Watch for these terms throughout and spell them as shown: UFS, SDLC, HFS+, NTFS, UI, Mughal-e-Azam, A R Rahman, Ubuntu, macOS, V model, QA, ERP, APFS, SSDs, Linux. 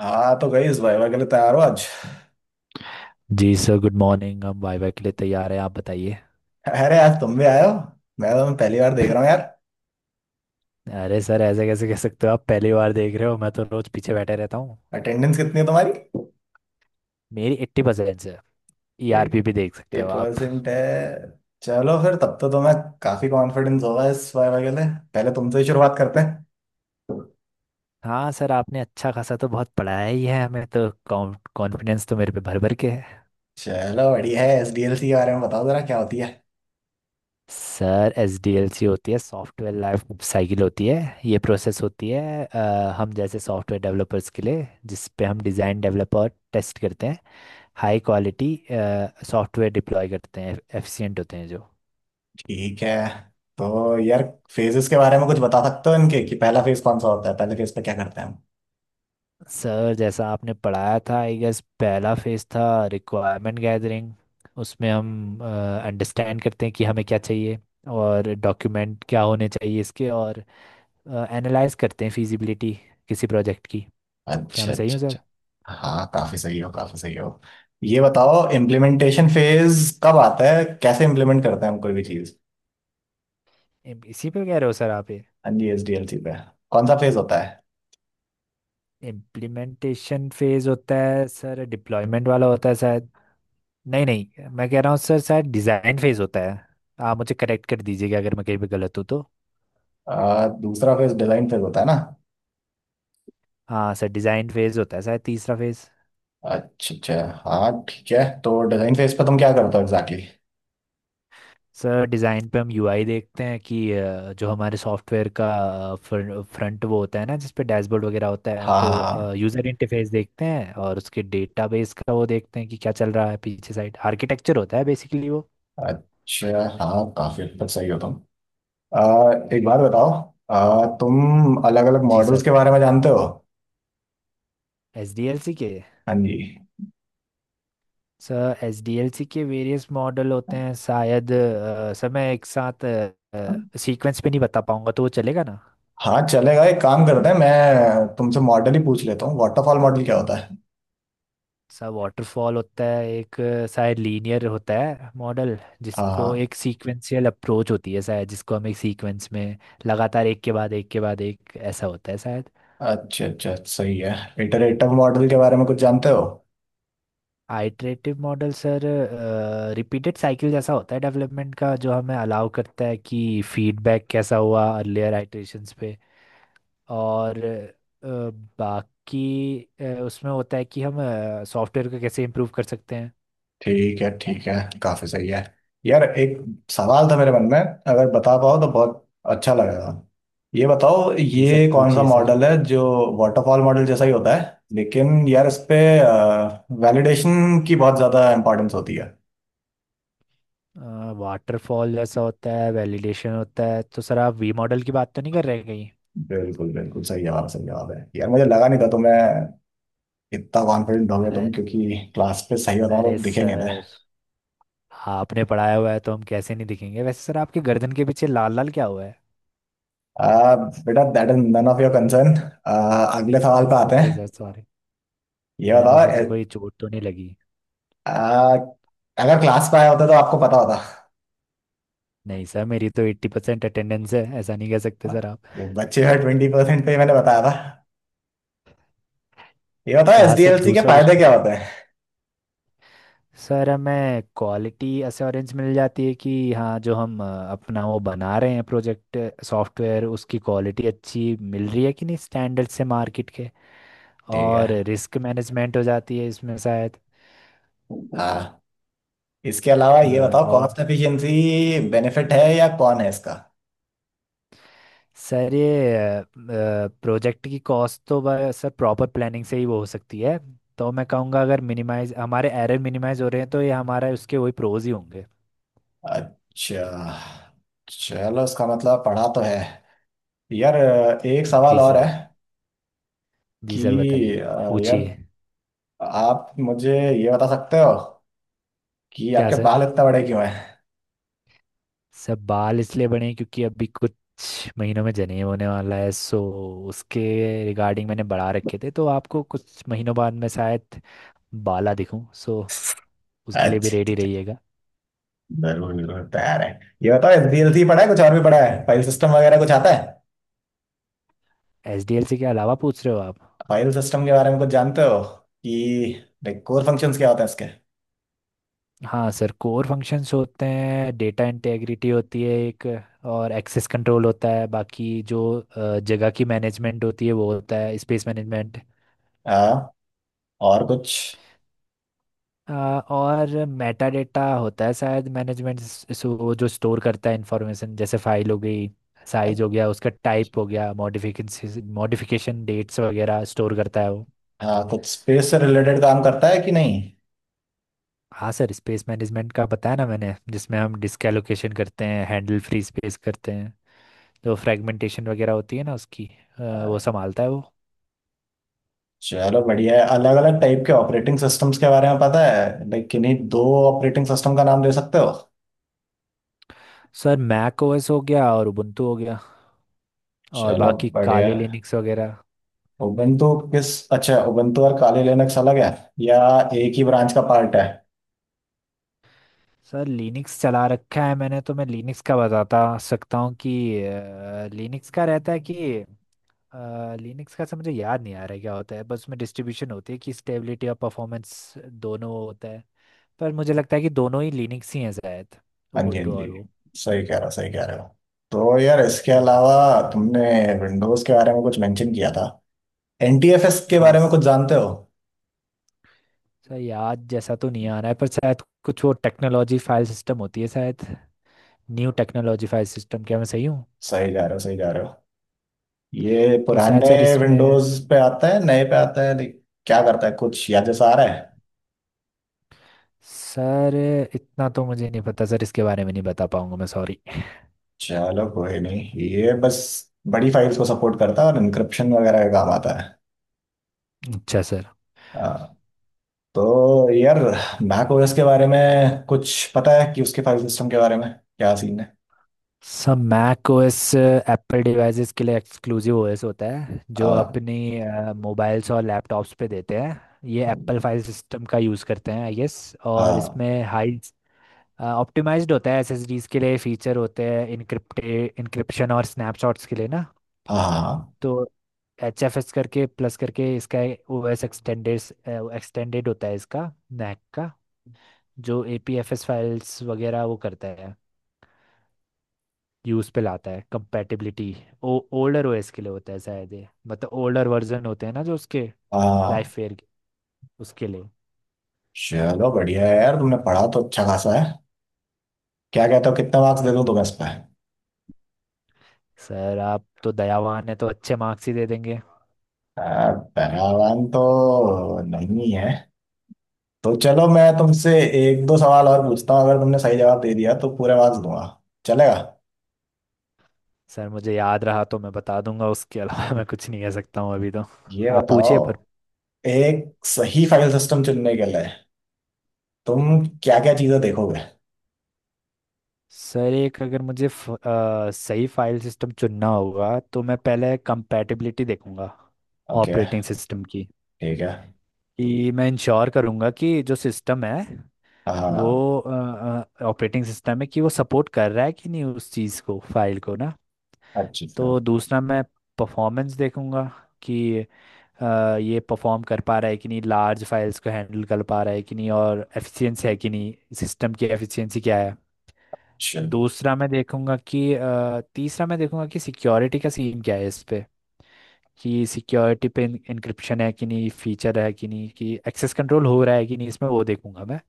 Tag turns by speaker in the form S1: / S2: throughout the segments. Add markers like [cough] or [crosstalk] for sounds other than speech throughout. S1: हाँ, तो गई इस भाई के लिए तैयार हो आज?
S2: जी सर, गुड मॉर्निंग। हम वाइवा के लिए तैयार हैं, आप बताइए।
S1: अरे, आज तुम भी आए हो। मैं तुम्हें पहली बार देख रहा हूँ यार।
S2: अरे सर, ऐसे कैसे कह सकते हो? आप पहली बार देख रहे हो, मैं तो रोज पीछे बैठे रहता हूँ।
S1: अटेंडेंस कितनी है तुम्हारी?
S2: मेरी 80% है। ईआरपी भी देख सकते
S1: एट्टी
S2: हो आप।
S1: परसेंट है। चलो, फिर तब तो तुम्हें काफी कॉन्फिडेंस होगा इस वाइवा के लिए। पहले तुमसे ही शुरुआत करते हैं।
S2: हाँ सर, आपने अच्छा खासा तो बहुत पढ़ाया ही है हमें तो। कॉन्फिडेंस तो मेरे पे भर भर के है।
S1: चलो, बढ़िया है। एसडीएलसी के बारे में बताओ जरा, क्या होती है?
S2: Sir, S D L C होती है, सॉफ्टवेयर लाइफ साइकिल होती है। ये प्रोसेस होती है, हम जैसे सॉफ्टवेयर डेवलपर्स के लिए, जिस पे हम डिज़ाइन, डेवलप और टेस्ट करते हैं। हाई क्वालिटी सॉफ्टवेयर डिप्लॉय करते हैं, एफिशिएंट होते हैं जो।
S1: ठीक है। तो यार, फेजेस के बारे में कुछ बता सकते हो इनके? कि पहला फेज कौन सा होता है, पहले फेज पे क्या करते हैं?
S2: सर, जैसा आपने पढ़ाया था, आई गेस, पहला फेज था रिक्वायरमेंट गैदरिंग। उसमें हम अंडरस्टैंड करते हैं कि हमें क्या चाहिए और डॉक्यूमेंट क्या होने चाहिए इसके, और एनालाइज करते हैं फिजिबिलिटी किसी प्रोजेक्ट की। क्या
S1: अच्छा,
S2: मैं सही हूँ
S1: अच्छा,
S2: सर?
S1: अच्छा। हाँ, काफी सही हो, काफी सही हो। ये बताओ, इम्प्लीमेंटेशन फेज कब आता है? कैसे इम्प्लीमेंट करते हैं हम कोई भी चीज?
S2: इसी पे कह रहे हो सर आप ये?
S1: हाँ जी, SDLC पे कौन सा फेज होता है?
S2: इम्प्लीमेंटेशन फेज होता है सर, डिप्लॉयमेंट वाला होता है शायद। नहीं नहीं, मैं कह रहा हूँ सर शायद डिज़ाइन फेज होता है। आप मुझे करेक्ट कर दीजिएगा अगर मैं कहीं पे गलत हूँ तो।
S1: दूसरा फेज डिजाइन फेज होता है ना?
S2: हाँ सर, डिज़ाइन फेज होता है शायद तीसरा फेज।
S1: अच्छा, अच्छा। हाँ, ठीक है। तो डिजाइन फेज पे तुम क्या करते हो एग्जैक्टली?
S2: सर, डिज़ाइन पे हम यूआई देखते हैं कि जो हमारे सॉफ्टवेयर का फ्रंट वो होता है ना, जिस पे डैशबोर्ड वगैरह होता है,
S1: हाँ,
S2: तो
S1: हाँ।
S2: यूज़र इंटरफेस देखते हैं, और उसके डेटाबेस का वो देखते हैं कि क्या चल रहा है पीछे, साइड आर्किटेक्चर होता है बेसिकली वो।
S1: हाँ। अच्छा, हाँ, काफी हद तक सही हो तुम। आ, एक बात बताओ। तुम अलग अलग
S2: जी
S1: मॉडल्स
S2: सर,
S1: के बारे में जानते हो?
S2: एस डी एल सी के।
S1: हाँ जी।
S2: Sir, S D L C के वेरियस मॉडल होते हैं शायद। सर, मैं एक साथ सीक्वेंस पे नहीं बता पाऊंगा तो वो चलेगा ना?
S1: हाँ, चलेगा। एक काम करते हैं, मैं तुमसे मॉडल ही पूछ लेता हूँ। वाटरफॉल मॉडल क्या होता है?
S2: सा वाटरफॉल होता है एक, शायद लीनियर होता है मॉडल, जिसको
S1: हाँ।
S2: एक सीक्वेंशियल अप्रोच होती है शायद, जिसको हम एक सीक्वेंस में लगातार एक के बाद एक के बाद एक, ऐसा होता है शायद।
S1: अच्छा, अच्छा, सही है। इटरेटिव मॉडल के बारे में कुछ जानते हो?
S2: Iterative model sir, repeated cycle जैसा होता है डेवलपमेंट का, जो हमें अलाउ करता है कि फीडबैक कैसा हुआ अर्लियर आइटरेशंस पे। और अ, बाकी उसमें होता है कि हम सॉफ्टवेयर को कैसे इम्प्रूव कर सकते हैं।
S1: ठीक है, ठीक है। काफी सही है। यार एक सवाल था मेरे मन में, अगर बता पाओ तो बहुत अच्छा लगेगा। ये बताओ,
S2: जी सर,
S1: ये कौन सा
S2: पूछिए सर।
S1: मॉडल है जो वाटरफॉल मॉडल जैसा ही होता है, लेकिन यार इस पे वैलिडेशन की बहुत ज्यादा इंपॉर्टेंस होती है?
S2: वाटरफॉल जैसा होता है, वैलिडेशन होता है, तो सर आप वी मॉडल की बात तो नहीं कर रहे कहीं?
S1: बिल्कुल, बिल्कुल सही जवाब, सही जवाब है यार। मुझे लगा नहीं था तुम्हें इतना कॉन्फिडेंट हो गए तुम,
S2: अरे
S1: क्योंकि क्लास पे सही बताओ
S2: अरे
S1: तो दिखे नहीं थे।
S2: सर, आपने पढ़ाया हुआ है तो हम कैसे नहीं दिखेंगे। वैसे सर, आपके गर्दन के पीछे लाल लाल क्या हुआ?
S1: आ, बेटा, that is none of your concern. अगले सवाल
S2: है?
S1: पे आते हैं।
S2: सॉरी सर, सॉरी,
S1: ये
S2: मैंने
S1: बताओ
S2: सोचा कोई चोट तो नहीं लगी।
S1: आ, अगर क्लास पे आया होता तो आपको पता होता।
S2: नहीं सर, मेरी तो 80% अटेंडेंस है, ऐसा नहीं कह सकते सर आप।
S1: वो बच्चे हुए 20% पे ही मैंने बताया था। ये बताओ,
S2: हाँ सर,
S1: एसडीएलसी के
S2: दूसरा
S1: फायदे
S2: क्वेश्चन।
S1: क्या होते हैं?
S2: सर, हमें क्वालिटी अश्योरेंस मिल जाती है कि हाँ, जो हम अपना वो बना रहे हैं प्रोजेक्ट, सॉफ्टवेयर, उसकी क्वालिटी अच्छी मिल रही है कि नहीं स्टैंडर्ड से मार्केट के।
S1: ठीक है।
S2: और रिस्क मैनेजमेंट हो जाती है इसमें शायद।
S1: हाँ। इसके अलावा ये बताओ,
S2: और
S1: कॉस्ट एफिशिएंसी बेनिफिट है या कौन है इसका?
S2: सर, ये प्रोजेक्ट की कॉस्ट तो सर, प्रॉपर प्लानिंग से ही वो हो सकती है। तो मैं कहूँगा अगर मिनिमाइज, हमारे एरर मिनिमाइज हो रहे हैं, तो ये हमारा उसके वही प्रोज ही होंगे।
S1: अच्छा। चलो, इसका मतलब पढ़ा तो है। यार, एक सवाल
S2: जी
S1: और है
S2: सर, जी
S1: कि
S2: सर, बताइए।
S1: यार,
S2: पूछिए।
S1: आप मुझे ये बता सकते हो कि
S2: क्या
S1: आपके
S2: सर?
S1: बाल इतने बड़े क्यों हैं?
S2: सब बाल इसलिए बने हैं क्योंकि अभी कुछ महीनों में जनेब होने वाला है, सो उसके रिगार्डिंग मैंने बढ़ा रखे थे, तो आपको कुछ महीनों बाद मैं शायद बाला दिखूं, सो उसके लिए भी
S1: अच्छा,
S2: रेडी
S1: अच्छा।
S2: रहिएगा।
S1: जरूर, जरूर, तैयार है। ये बताओ, एसडीएलसी पढ़ा है, कुछ और भी पढ़ा है? फाइल सिस्टम वगैरह कुछ आता है?
S2: एसडीएलसी के अलावा पूछ रहे हो आप?
S1: फाइल सिस्टम के बारे में कुछ जानते हो? कि लाइक कोर फंक्शंस क्या होते हैं इसके?
S2: हाँ सर, कोर फंक्शंस होते हैं। डेटा इंटेग्रिटी होती है एक, और एक्सेस कंट्रोल होता है। बाकी जो जगह की मैनेजमेंट होती है वो होता है स्पेस मैनेजमेंट।
S1: हाँ। और कुछ?
S2: और मेटा डेटा होता है शायद, मैनेजमेंट, वो जो स्टोर करता है इंफॉर्मेशन, जैसे फाइल हो गई, साइज हो गया उसका, टाइप हो गया, मॉडिफिकेशन मॉडिफिकेशन डेट्स वगैरह स्टोर करता है वो।
S1: हाँ, कुछ स्पेस से रिलेटेड काम करता है कि नहीं?
S2: हाँ सर, स्पेस मैनेजमेंट का बताया ना मैंने, जिसमें हम डिस्क एलोकेशन करते हैं, हैंडल फ्री स्पेस करते हैं। जो फ्रेगमेंटेशन वगैरह होती है ना उसकी, वो
S1: हाँ,
S2: संभालता है वो।
S1: चलो, बढ़िया है। अलग अलग टाइप के ऑपरेटिंग सिस्टम्स के बारे में पता है? लाइक किन्हीं दो ऑपरेटिंग सिस्टम का नाम दे सकते हो?
S2: सर, मैक ओएस हो गया और उबुंटू हो गया। और
S1: चलो,
S2: बाकी
S1: बढ़िया।
S2: काले लिनक्स वगैरह।
S1: उबंटू किस? अच्छा, उबंटू और काली लिनक्स अलग है या एक ही ब्रांच का पार्ट है?
S2: सर, लिनक्स चला रखा है मैंने तो मैं लिनक्स का बताता सकता हूँ कि लिनक्स का रहता है कि लिनक्स का, से मुझे याद नहीं आ रहा है क्या होता है, बस उसमें डिस्ट्रीब्यूशन होती है कि स्टेबिलिटी और परफॉर्मेंस दोनों होता है। पर मुझे लगता है कि दोनों ही लिनक्स ही हैं शायद,
S1: हाँ जी, हाँ
S2: उबुंटू और वो।
S1: जी। सही कह रहे हो, सही कह रहे हो। तो यार, इसके
S2: हाँ
S1: अलावा तुमने विंडोज के बारे में कुछ मेंशन किया था। NTFS के
S2: हाँ।
S1: बारे में कुछ जानते हो?
S2: सर, याद जैसा तो नहीं आ रहा है, पर शायद कुछ वो टेक्नोलॉजी फाइल सिस्टम होती है शायद, न्यू टेक्नोलॉजी फाइल सिस्टम। क्या मैं सही हूँ?
S1: सही जा रहे हो, सही जा रहे हो। ये
S2: तो शायद
S1: पुराने
S2: सर इसमें।
S1: विंडोज पे आता है, नए पे आता है, लाइक क्या करता है, कुछ याद जैसा आ रहा है?
S2: सर, इतना तो मुझे नहीं पता सर, इसके बारे में नहीं बता पाऊंगा मैं, सॉरी।
S1: चलो, कोई नहीं। ये बस बड़ी फाइल्स को सपोर्ट करता है और इंक्रिप्शन वगैरह का काम आता है।
S2: अच्छा सर।
S1: हाँ। तो यार, मैक ओएस के बारे में कुछ पता है कि उसके फाइल सिस्टम के बारे में क्या सीन है?
S2: Sir, Mac OS Apple devices के लिए एक्सक्लूसिव ओएस होता है, जो
S1: आ,
S2: अपनी मोबाइल्स और लैपटॉप्स पे देते हैं। ये एप्पल फाइल सिस्टम का यूज़ करते हैं आई गेस। और
S1: हाँ।
S2: इसमें हाई ऑप्टिमाइज्ड होता है एसएसडीज के लिए, फीचर होते हैं इनक्रिप्टे इनक्रिप्शन और स्नैपशॉट्स के लिए ना।
S1: हाँ।
S2: तो एच एफ एस करके, प्लस करके, इसका ओएस एक्सटेंडेड एक्सटेंडेड होता है इसका, मैक का। जो APFS फाइल्स वगैरह वो करता है, यूज़ पे लाता है कंपैटिबिलिटी। ओ ओल्डर ओएस के लिए होता है शायद ये, मतलब ओल्डर वर्जन होते हैं ना जो उसके लाइफ
S1: हाँ।
S2: फेयर के, उसके लिए।
S1: चलो, बढ़िया है यार, तुमने पढ़ा तो अच्छा खासा है। क्या कहते हो, कितना मार्क्स दे दूं तुम्हें इस पर?
S2: सर, आप तो दयावान है तो अच्छे मार्क्स ही दे देंगे।
S1: पैरावान तो नहीं है, तो चलो मैं तुमसे 1-2 सवाल और पूछता हूँ। अगर तुमने सही जवाब दे दिया तो पूरे मार्क्स दूंगा। चलेगा?
S2: सर, मुझे याद रहा तो मैं बता दूंगा, उसके अलावा मैं कुछ नहीं कह सकता हूँ अभी तो।
S1: ये
S2: आप
S1: बताओ,
S2: पूछिए पर।
S1: एक सही फाइल सिस्टम चुनने के लिए तुम क्या क्या चीजें देखोगे?
S2: सर, एक अगर मुझे सही फाइल सिस्टम चुनना होगा तो मैं पहले कंपैटिबिलिटी देखूंगा
S1: ओके।
S2: ऑपरेटिंग सिस्टम की।
S1: ठीक है।
S2: कि मैं इंश्योर करूंगा कि जो सिस्टम है वो
S1: हाँ।
S2: ऑपरेटिंग सिस्टम है, कि वो सपोर्ट कर रहा है कि नहीं उस चीज़ को, फाइल को ना।
S1: अच्छी।
S2: तो दूसरा मैं परफॉर्मेंस देखूंगा कि ये परफॉर्म कर पा रहा है कि नहीं, लार्ज फाइल्स को हैंडल कर पा रहा है कि नहीं, और एफिशिएंसी है कि नहीं, सिस्टम की एफिशिएंसी क्या है।
S1: चल।
S2: दूसरा मैं देखूंगा कि तीसरा मैं देखूंगा कि सिक्योरिटी का सीन क्या है इस पे। कि सिक्योरिटी पे इंक्रिप्शन है कि नहीं, फीचर है कि नहीं, कि एक्सेस कंट्रोल हो रहा है कि नहीं, इसमें वो देखूंगा मैं।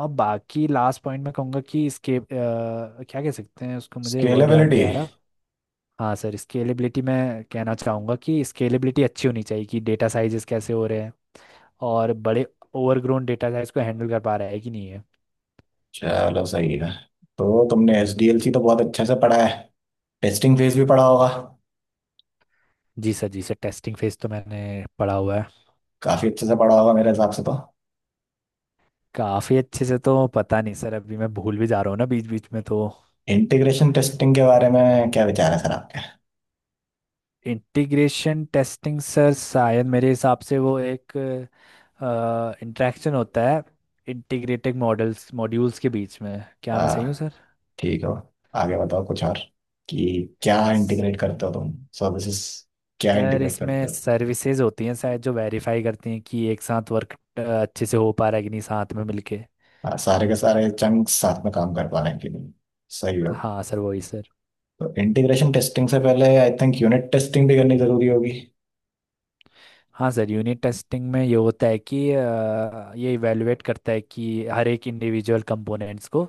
S2: और बाकी लास्ट पॉइंट मैं कहूँगा कि इसके, क्या कह सकते हैं उसको, मुझे वर्ड याद नहीं
S1: स्केलेबिलिटी।
S2: आ रहा। हाँ सर, स्केलेबिलिटी, मैं कहना चाहूँगा कि स्केलेबिलिटी अच्छी होनी चाहिए कि डेटा साइजेस कैसे हो रहे हैं, और बड़े ओवरग्रोन डेटा साइज को हैंडल कर पा रहा है कि नहीं है।
S1: चलो, सही है। तो तुमने SDLC तो बहुत अच्छे से पढ़ा है, टेस्टिंग फेज भी पढ़ा होगा।
S2: जी सर, जी सर, टेस्टिंग फेज तो मैंने पढ़ा हुआ है।
S1: काफी अच्छे से पढ़ा होगा मेरे हिसाब से तो।
S2: काफ़ी अच्छे से तो पता नहीं सर, अभी मैं भूल भी जा रहा हूँ ना बीच बीच में तो।
S1: इंटीग्रेशन टेस्टिंग के बारे में क्या विचार है सर आपके?
S2: इंटीग्रेशन टेस्टिंग सर, शायद मेरे हिसाब से वो एक इंटरेक्शन होता है इंटीग्रेटेड मॉडल्स, मॉड्यूल्स के बीच में। क्या मैं सही हूँ
S1: हाँ,
S2: सर?
S1: ठीक हो। आगे बताओ कुछ और, कि क्या इंटीग्रेट करते हो तुम? सर्विसेज क्या
S2: सर,
S1: इंटीग्रेट करते
S2: इसमें
S1: हो?
S2: सर्विसेज होती हैं शायद जो वेरीफाई करती हैं कि एक साथ वर्क अच्छे से हो पा रहा है कि नहीं साथ में मिलके।
S1: हाँ, सारे के सारे चंक्स साथ में काम कर पाने के लिए। सही हो।
S2: हाँ सर, वही सर।
S1: तो इंटीग्रेशन टेस्टिंग से पहले आई थिंक यूनिट टेस्टिंग भी करनी जरूरी होगी।
S2: हाँ सर, यूनिट टेस्टिंग में ये होता है कि ये इवेलुएट करता है कि हर एक इंडिविजुअल कंपोनेंट्स को,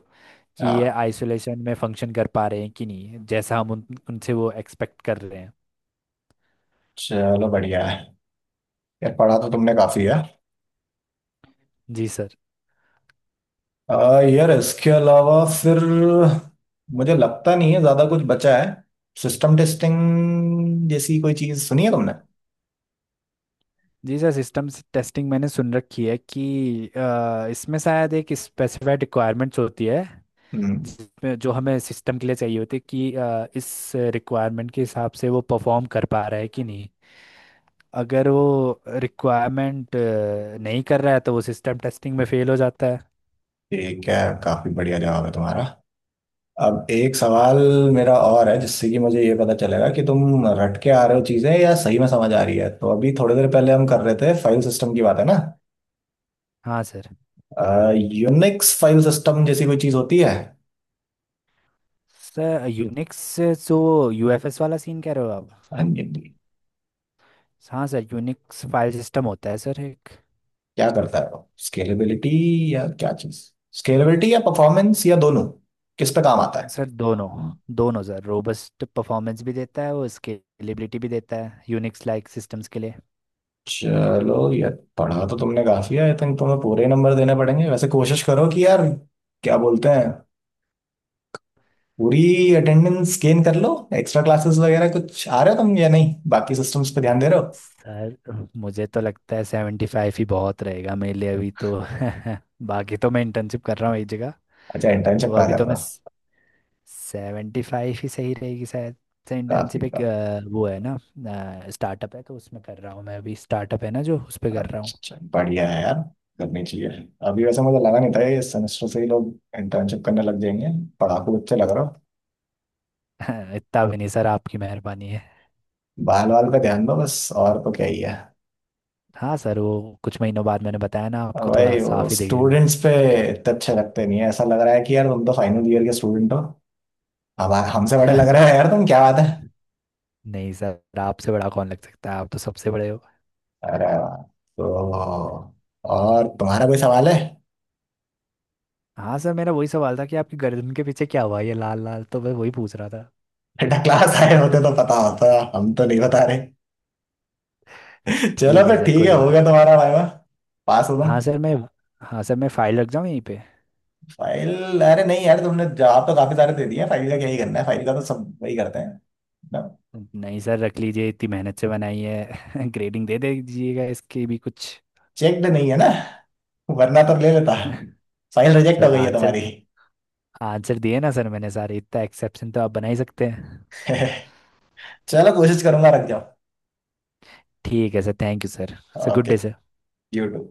S2: कि ये
S1: हाँ।
S2: आइसोलेशन में फंक्शन कर पा रहे हैं कि नहीं जैसा हम उनसे वो एक्सपेक्ट कर रहे हैं।
S1: चलो, बढ़िया है। यार पढ़ा तो तुमने काफी है।
S2: जी सर,
S1: यार इसके अलावा फिर मुझे लगता नहीं है ज्यादा कुछ बचा है। सिस्टम टेस्टिंग जैसी कोई चीज सुनी है तुमने?
S2: जी सर, सिस्टम टेस्टिंग मैंने सुन रखी है कि इसमें शायद एक स्पेसिफाइड रिक्वायरमेंट्स होती है,
S1: हम्म।
S2: जिसमें जो हमें सिस्टम के लिए चाहिए होती है कि इस रिक्वायरमेंट के हिसाब से वो परफॉर्म कर पा रहा है कि नहीं। अगर वो रिक्वायरमेंट नहीं कर रहा है तो वो सिस्टम टेस्टिंग में फेल हो जाता है।
S1: ठीक है, काफी बढ़िया जवाब है तुम्हारा। अब एक सवाल मेरा और है जिससे कि मुझे ये पता चलेगा कि तुम रट के आ रहे हो चीजें या सही में समझ आ रही है। तो अभी थोड़ी देर पहले हम कर रहे थे फाइल सिस्टम की बात, है ना?
S2: हाँ सर,
S1: यूनिक्स फाइल सिस्टम जैसी कोई चीज होती है?
S2: सर यूनिक्स से जो यूएफएस वाला सीन कह रहे हो आप?
S1: हाँ जी।
S2: हाँ सर, यूनिक्स फाइल सिस्टम होता है सर एक।
S1: क्या करता है वो, स्केलेबिलिटी या क्या चीज, स्केलेबिलिटी या परफॉर्मेंस या दोनों? किस पे काम आता है?
S2: सर, दोनों। दोनों सर, रोबस्ट परफॉर्मेंस भी देता है वो, स्केलेबिलिटी भी देता है यूनिक्स लाइक सिस्टम्स के लिए।
S1: चलो यार, पढ़ा तो तुमने काफी है, आई थिंक तुम्हें पूरे नंबर देने पड़ेंगे। वैसे कोशिश करो कि यार, क्या बोलते हैं, पूरी अटेंडेंस गेन कर लो। एक्स्ट्रा क्लासेस वगैरह कुछ आ रहे हो तुम या नहीं? बाकी सिस्टम्स पे ध्यान दे रहे हो?
S2: सर, मुझे तो लगता है 75 ही बहुत रहेगा मेरे लिए अभी तो। [laughs] बाकी तो मैं इंटर्नशिप कर रहा हूँ एक जगह।
S1: अच्छा, इंटर्नशिप
S2: तो
S1: कहाँ
S2: अभी
S1: कर
S2: तो मैं,
S1: रहे हो?
S2: 75 ही सही रहेगी शायद। सर,
S1: काफी
S2: इंटर्नशिप एक,
S1: का।
S2: वो है ना, स्टार्टअप है तो उसमें कर रहा हूँ मैं अभी। स्टार्टअप है ना जो, उस पर कर रहा हूँ।
S1: अच्छा, बढ़िया है यार, करनी चाहिए। अभी वैसे मुझे लगा नहीं था ये सेमेस्टर से ही लोग इंटर्नशिप करने लग जाएंगे। पढ़ाकू बच्चे लग रहे हो।
S2: [laughs] इतना भी नहीं सर, आपकी मेहरबानी है।
S1: बाल वाल पे ध्यान दो बस, और तो क्या ही है।
S2: हाँ सर, वो कुछ महीनों बाद मैंने बताया ना
S1: और
S2: आपको, थोड़ा
S1: भाई, वो
S2: साफ ही दिखेगा।
S1: स्टूडेंट्स पे इतने अच्छे लगते नहीं है। ऐसा लग रहा है कि यार तुम तो फाइनल ईयर के स्टूडेंट हो। अब हमसे बड़े लग रहे
S2: [laughs]
S1: हो यार तुम, क्या बात है।
S2: नहीं सर, आपसे बड़ा कौन लग सकता है, आप तो सबसे बड़े हो।
S1: अरे वाह। तो और तुम्हारा कोई सवाल है?
S2: हाँ सर, मेरा वही सवाल था कि आपकी गर्दन के पीछे क्या हुआ ये लाल लाल, तो मैं वही पूछ रहा था।
S1: बेटा, क्लास आए होते तो पता होता। हम तो नहीं बता रहे। [laughs] चलो
S2: ठीक है
S1: फिर,
S2: सर,
S1: ठीक
S2: कोई
S1: है, हो
S2: बात।
S1: गया तुम्हारा वाइवा। पास हो तुम।
S2: हाँ सर, मैं हाँ सर, मैं फाइल रख जाऊँ यहीं पे?
S1: फाइल? अरे नहीं यार, तुमने जवाब तो काफी सारे दे दिए, फाइल का क्या ही करना है। फाइल का तो सब वही करते हैं।
S2: नहीं सर, रख लीजिए, इतनी मेहनत से बनाई है। [laughs] ग्रेडिंग दे दीजिएगा इसकी भी कुछ।
S1: चेक्ड नहीं है ना, वरना तो ले लेता।
S2: [laughs]
S1: फाइल रिजेक्ट हो
S2: सर,
S1: गई है
S2: आंसर
S1: तुम्हारी।
S2: आंसर दिए ना सर मैंने सारे, इतना एक्सेप्शन तो आप बना ही सकते हैं।
S1: [laughs] चलो, कोशिश करूंगा। रख
S2: ठीक है sir, thank you sir. Sir,
S1: जाओ।
S2: Good
S1: okay.
S2: Day sir.
S1: You to.